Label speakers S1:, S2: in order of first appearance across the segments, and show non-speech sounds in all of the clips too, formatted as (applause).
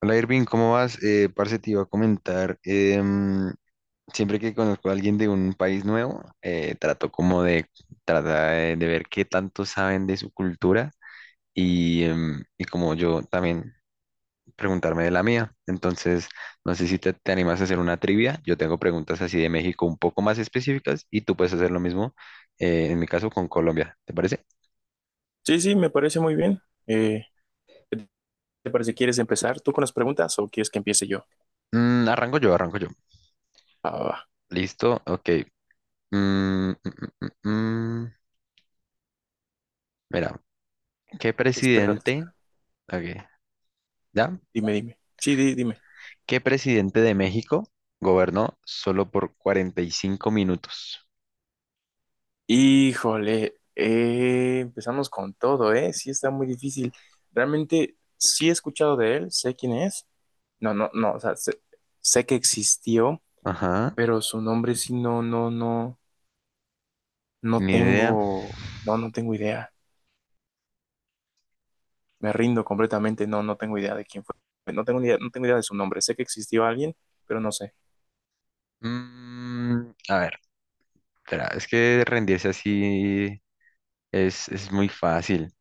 S1: Hola Irving, ¿cómo vas? Parce, te iba a comentar, siempre que conozco a alguien de un país nuevo, trato como de tratar de ver qué tanto saben de su cultura y como yo también preguntarme de la mía. Entonces, no sé si te animas a hacer una trivia. Yo tengo preguntas así de México un poco más específicas y tú puedes hacer lo mismo, en mi caso con Colombia, ¿te parece?
S2: Sí, sí, me parece muy bien. ¿Qué ¿Te parece? ¿Quieres empezar tú con las preguntas o quieres que empiece yo?
S1: Arranco yo, arranco yo.
S2: Va, va, va.
S1: Listo, ok. Mm, mm, mm, mm, mm. Mira. ¿Qué
S2: Te espero, te
S1: presidente?
S2: espero.
S1: Ok, ¿ya?
S2: Dime, dime. Sí, dime.
S1: ¿Qué presidente de México gobernó solo por 45 minutos?
S2: Híjole, empezamos con todo, ¿eh? Sí, está muy difícil. Realmente sí he escuchado de él, sé quién es. No, no, no, o sea, sé, sé que existió,
S1: Ajá,
S2: pero su nombre sí no, no, no, no
S1: ni idea.
S2: tengo, no, no tengo idea. Me rindo completamente, no, no tengo idea de quién fue. No tengo ni idea, no tengo idea de su nombre. Sé que existió alguien, pero no sé.
S1: A ver, espera, es que rendirse así es muy fácil.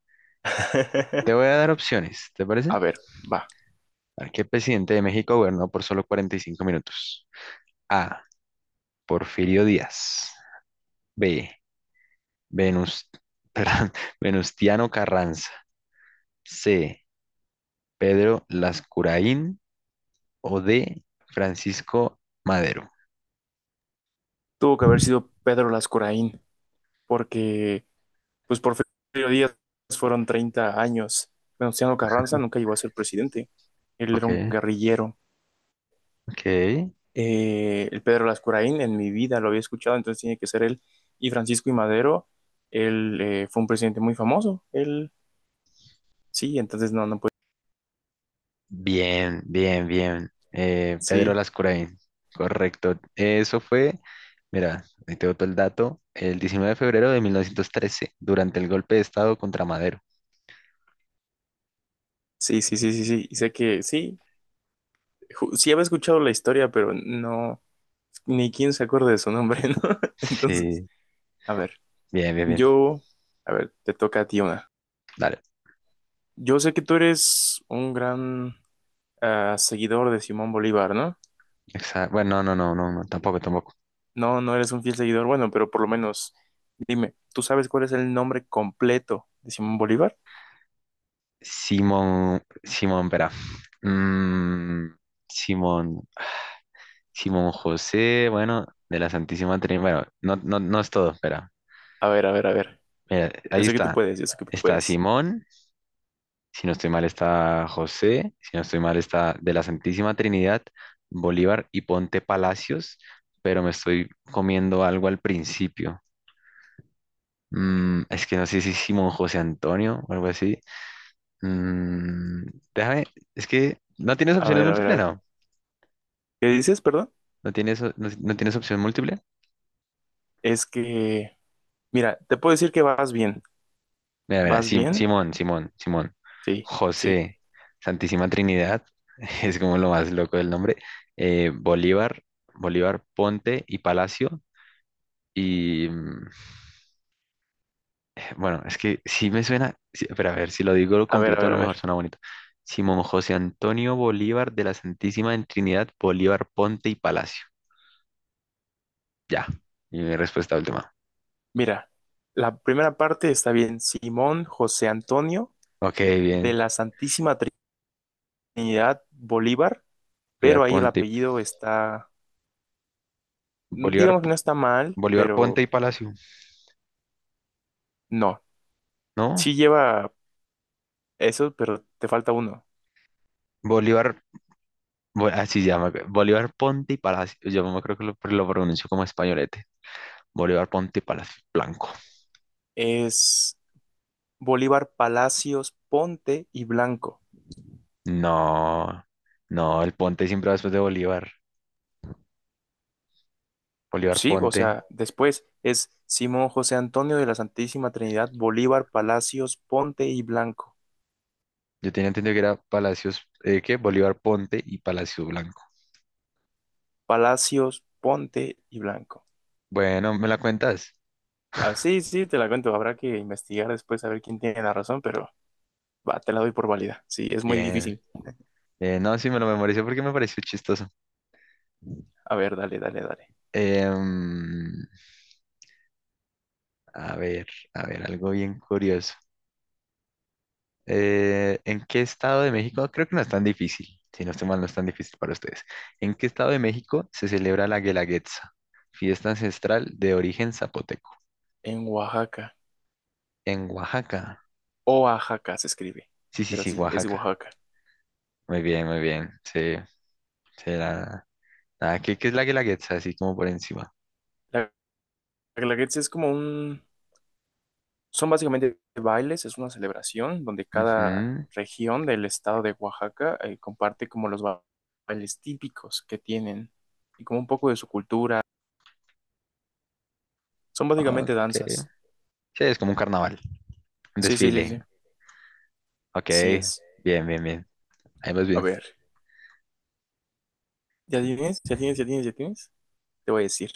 S1: Te voy
S2: (laughs)
S1: a dar opciones, ¿te parece?
S2: A ver, va.
S1: A ver, ¿qué presidente de México gobernó por solo 45 minutos? A. Porfirio Díaz. B. Venus, (laughs) perdón, Venustiano Carranza. C. Pedro Lascuraín. O de Francisco Madero.
S2: Tuvo que haber sido Pedro Lascuraín, porque, pues por Porfirio Díaz fueron 30 años. Venustiano Carranza nunca llegó a ser presidente. Él era
S1: Ok,
S2: un guerrillero.
S1: ok.
S2: El Pedro Lascuraín en mi vida lo había escuchado, entonces tiene que ser él. Y Francisco y Madero, él fue un presidente muy famoso. Él, sí, entonces no, no puede.
S1: Bien, bien, bien. Pedro
S2: Sí,
S1: Lascurain. Correcto. Eso fue, mira, ahí te boto el dato, el 19 de febrero de 1913, durante el golpe de Estado contra Madero.
S2: sí, sí, sí, sí, sí. Y sé que sí, sí había escuchado la historia, pero no, ni quién se acuerda de su nombre, (laughs) ¿no? Entonces.
S1: Sí,
S2: A ver,
S1: bien, bien, bien.
S2: yo, a ver, te toca a ti una.
S1: Dale.
S2: Yo sé que tú eres un gran seguidor de Simón Bolívar, ¿no?
S1: Bueno, no, no, no, no, tampoco, tampoco.
S2: No, no eres un fiel seguidor, bueno, pero por lo menos dime, ¿tú sabes cuál es el nombre completo de Simón Bolívar?
S1: Simón, Simón, espera. Mm, Simón, Simón José, bueno, de la Santísima Trinidad. Bueno, no, no, no es todo, espera.
S2: A ver, a ver, a ver.
S1: Mira,
S2: Yo
S1: ahí
S2: sé que tú
S1: está.
S2: puedes, yo sé que tú
S1: Está
S2: puedes.
S1: Simón, si no estoy mal está José, si no estoy mal está de la Santísima Trinidad, Bolívar y Ponte Palacios, pero me estoy comiendo algo al principio. Es que no sé si Simón José Antonio o algo así. Mm, déjame, es que no tienes
S2: A
S1: opciones
S2: ver, a ver, a
S1: múltiples,
S2: ver.
S1: no.
S2: ¿Qué dices, perdón?
S1: No tienes, no tienes opción múltiple.
S2: Es que, mira, te puedo decir que vas bien.
S1: Mira, mira,
S2: ¿Vas bien?
S1: Simón, Simón, Simón.
S2: Sí, sí.
S1: José, Santísima Trinidad, (laughs) es como lo más loco del nombre. eh, Bolívar, Bolívar Ponte y Palacio. Y bueno, es que sí me suena, sí, pero a ver, si lo digo
S2: A ver, a
S1: completo, a
S2: ver, a
S1: lo mejor
S2: ver.
S1: suena bonito. Simón José Antonio Bolívar de la Santísima en Trinidad, Bolívar Ponte y Palacio. Ya, y mi respuesta última.
S2: Mira, la primera parte está bien. Simón José Antonio
S1: Ok,
S2: de
S1: bien.
S2: la Santísima Trinidad Bolívar,
S1: Bolívar
S2: pero ahí el
S1: Ponte,
S2: apellido está,
S1: Bolívar,
S2: digamos que no está mal,
S1: Bolívar Ponte
S2: pero
S1: y Palacio,
S2: no.
S1: ¿no?
S2: Sí lleva eso, pero te falta uno.
S1: Bolívar. Así se llama. Bolívar Ponte y Palacio. Yo me creo que lo pronuncio como españolete. Bolívar Ponte y Palacio Blanco.
S2: Es Bolívar Palacios Ponte y Blanco.
S1: No, no, el Ponte siempre va después de Bolívar. Bolívar
S2: Sí, o
S1: Ponte.
S2: sea, después es Simón José Antonio de la Santísima Trinidad Bolívar Palacios Ponte y Blanco.
S1: Yo tenía entendido que era Palacios, ¿qué? Bolívar Ponte y Palacio Blanco.
S2: Palacios Ponte y Blanco.
S1: Bueno, ¿me la cuentas?
S2: Ah, sí, sí, te la cuento. Habrá que investigar después a ver quién tiene la razón, pero va, te la doy por válida. Sí, es muy
S1: Bien.
S2: difícil.
S1: No, sí, me lo memoricé porque me pareció chistoso.
S2: A ver, dale, dale, dale.
S1: Em, a ver, a ver, algo bien curioso. ¿En qué estado de México? No, creo que no es tan difícil, si no estoy mal, no es tan difícil para ustedes. ¿En qué estado de México se celebra la Guelaguetza, fiesta ancestral de origen zapoteco?
S2: En Oaxaca.
S1: En Oaxaca.
S2: Oaxaca se escribe,
S1: Sí, sí,
S2: pero
S1: sí,
S2: sí, es de
S1: Oaxaca.
S2: Oaxaca.
S1: Muy bien, muy bien. Sí, sí, ¿qué es la Guelaguetza? Así como por encima.
S2: La Guelaguetza es como un... Son básicamente bailes, es una celebración donde cada
S1: Ujú,
S2: región del estado de Oaxaca comparte como los bailes típicos que tienen y como un poco de su cultura. Son básicamente
S1: ok.
S2: danzas.
S1: Sí, es como un carnaval, un
S2: Sí, sí, sí,
S1: desfile.
S2: sí.
S1: Ok,
S2: Así es.
S1: bien, bien, bien. Ahí vas
S2: A
S1: bien.
S2: ver, ¿ya tienes? ¿Ya tienes? ¿Ya tienes? ¿Ya tienes? Te voy a decir.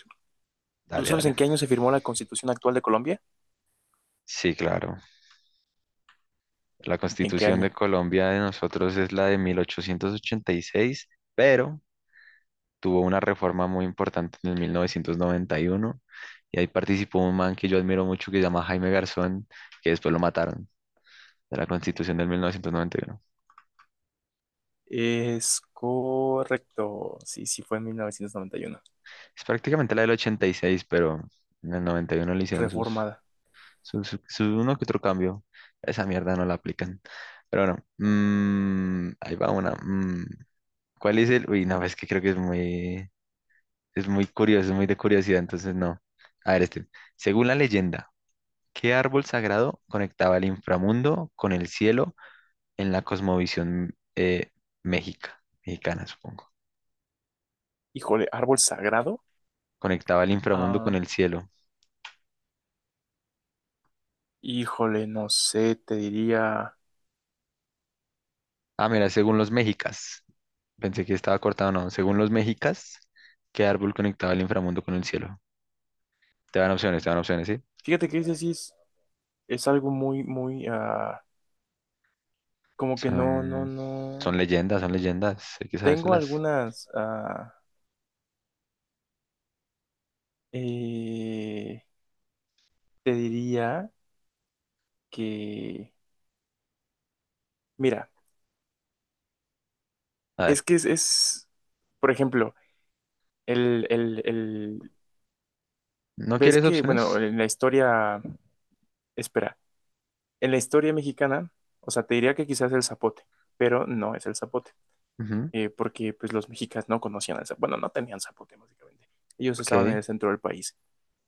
S2: ¿Tú
S1: Dale,
S2: sabes
S1: dale.
S2: en qué año se firmó la Constitución actual de Colombia?
S1: Sí, claro. La
S2: ¿En qué
S1: Constitución
S2: año?
S1: de Colombia de nosotros es la de 1886, pero tuvo una reforma muy importante en el 1991 y ahí participó un man que yo admiro mucho que se llama Jaime Garzón, que después lo mataron. De la Constitución del 1991.
S2: Es correcto. Sí, sí, fue en 1991.
S1: Es prácticamente la del ochenta y seis, pero en el 91 le hicieron sus,
S2: Reformada.
S1: sus, su uno que otro cambio. Esa mierda no la aplican. Pero bueno, ahí va una. Mm. ¿Cuál es el...? Uy, no, es que creo que es muy curioso, es muy de curiosidad, entonces no. A ver, este. Según la leyenda, ¿qué árbol sagrado conectaba el inframundo con el cielo en la cosmovisión mexica? Mexicana, supongo.
S2: Híjole, árbol sagrado.
S1: Conectaba el inframundo con
S2: Ah,
S1: el cielo.
S2: híjole, no sé, te diría.
S1: Ah, mira, según los mexicas. Pensé que estaba cortado, no. Según los mexicas, ¿qué árbol conectaba el inframundo con el cielo? Te dan opciones, ¿sí?
S2: Fíjate que ese sí es algo muy, muy, como que no, no,
S1: Son, son
S2: no.
S1: leyendas, son leyendas. Hay que
S2: Tengo
S1: sabérselas.
S2: algunas. Eh, Te diría que. Mira,
S1: A
S2: es
S1: ver,
S2: que por ejemplo, el.
S1: ¿no
S2: Ves
S1: quieres
S2: que, bueno,
S1: opciones?
S2: en la historia. Espera. En la historia mexicana, o sea, te diría que quizás el zapote, pero no es el zapote,
S1: Ujú,
S2: porque pues los mexicas no conocían el zapote, bueno, no tenían zapote básicamente, ellos estaban en el
S1: ok.
S2: centro del país.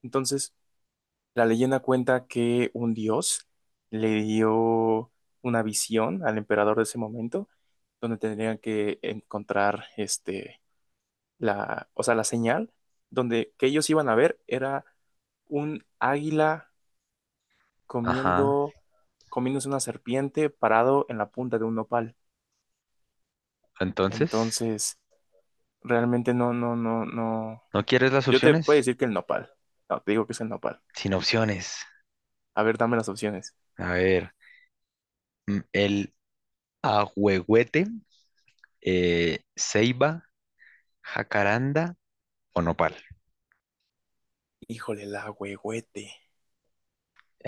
S2: Entonces, la leyenda cuenta que un dios le dio una visión al emperador de ese momento, donde tendrían que encontrar este, la, o sea, la señal, donde que ellos iban a ver era un águila
S1: Ajá.
S2: comiendo, comiéndose una serpiente parado en la punta de un nopal.
S1: Entonces,
S2: Entonces, realmente no, no, no, no.
S1: ¿no quieres las
S2: Yo te
S1: opciones?
S2: puedo decir que el nopal. No, te digo que es el nopal.
S1: Sin opciones.
S2: A ver, dame las opciones.
S1: A ver, el ahuehuete, ceiba, jacaranda o nopal.
S2: Híjole, el ahuehuete.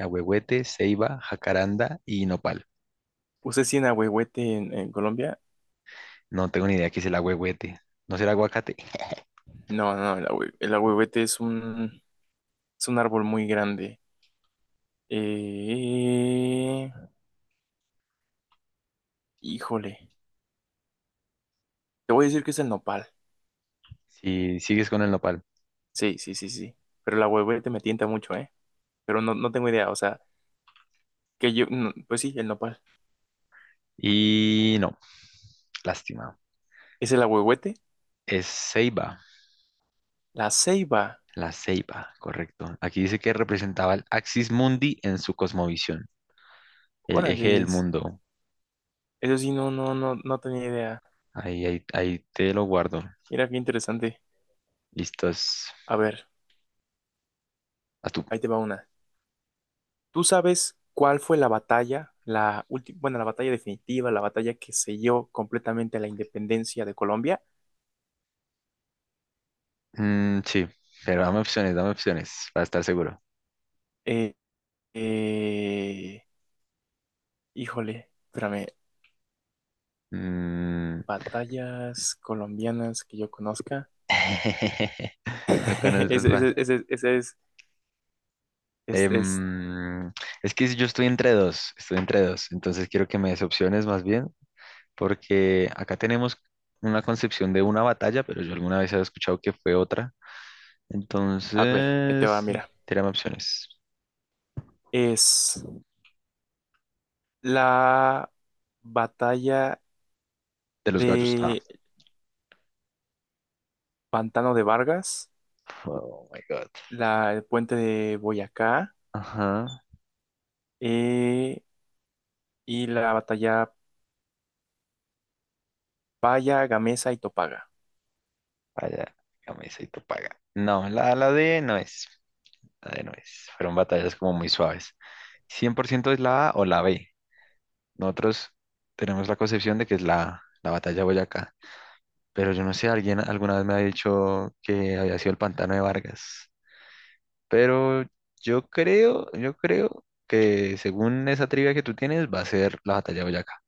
S1: Ahuehuete, ceiba, jacaranda y nopal.
S2: ¿Usted sí en ahuehuete en Colombia?
S1: No tengo ni idea qué es el ahuehuete. ¿No será aguacate?
S2: No, no, el ahuehuete es un árbol muy grande. Eh, Híjole, te voy a decir que es el nopal.
S1: Si sigues con el nopal.
S2: Sí, sí, sí, sí. Pero el ahuehuete me tienta mucho, ¿eh? Pero no, no tengo idea, o sea, que yo, no, pues sí, el nopal.
S1: Y no, lástima.
S2: Es el ahuehuete,
S1: Es ceiba,
S2: la ceiba.
S1: la ceiba, correcto. Aquí dice que representaba el Axis Mundi en su cosmovisión, el eje del
S2: Órales.
S1: mundo.
S2: Eso sí, no, no, no, no tenía idea.
S1: Ahí, ahí, ahí te lo guardo.
S2: Mira qué interesante.
S1: Listos.
S2: A ver,
S1: A tú.
S2: ahí te va una. ¿Tú sabes cuál fue la batalla, la última, bueno, la batalla definitiva, la batalla que selló completamente la independencia de Colombia?
S1: Sí, pero dame opciones para estar seguro.
S2: Eh, eh, Híjole, espérame.
S1: Mm.
S2: Batallas colombianas que yo conozca.
S1: (laughs) No
S2: (laughs)
S1: conoces
S2: Ese, ese,
S1: más.
S2: ese, ese es,
S1: Em, es que yo estoy entre dos, entonces quiero que me des opciones más bien, porque acá tenemos una concepción de una batalla, pero yo alguna vez he escuchado que fue otra.
S2: A ver, ahí te va,
S1: Entonces,
S2: mira.
S1: tírame opciones.
S2: Es la batalla
S1: De los gallos. Ah,
S2: de Pantano de Vargas,
S1: (laughs) oh my God.
S2: el puente de Boyacá
S1: Ajá,
S2: eh, y la batalla Paya, Gamesa y Topaga.
S1: vaya, camisa y tu paga. No, la D no es. Bueno, fueron batallas como muy suaves. ¿100% es la A o la B? Nosotros tenemos la concepción de que es la, A, la batalla de Boyacá. Pero yo no sé, alguien alguna vez me ha dicho que había sido el pantano de Vargas. Pero yo creo que según esa trivia que tú tienes, va a ser la batalla de Boyacá.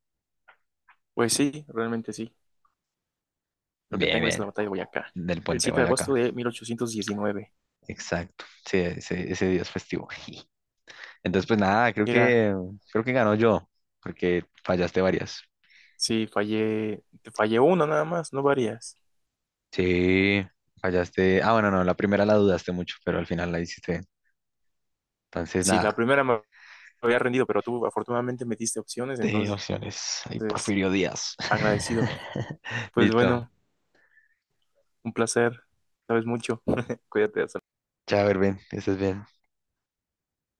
S2: Pues sí, realmente sí. Lo que
S1: Bien,
S2: tengo es la
S1: bien,
S2: batalla de Boyacá.
S1: del
S2: El
S1: puente de
S2: 7 de agosto
S1: Boyacá.
S2: de 1819.
S1: Exacto. Sí, ese día es festivo. Entonces, pues nada, creo
S2: Mira,
S1: que, creo que ganó yo, porque fallaste varias.
S2: sí, fallé, te fallé uno nada más, no varias.
S1: Sí, fallaste. Ah, bueno, no, la primera la dudaste mucho, pero al final la hiciste bien. Entonces,
S2: Sí, la
S1: nada,
S2: primera me había rendido, pero tú afortunadamente me diste opciones,
S1: te
S2: entonces
S1: opciones. Ahí Porfirio Díaz.
S2: agradecido.
S1: (laughs)
S2: Pues
S1: Listo.
S2: bueno, un placer. Sabes mucho. (laughs) Cuídate, hasta
S1: Chao, Erwin, que estés bien.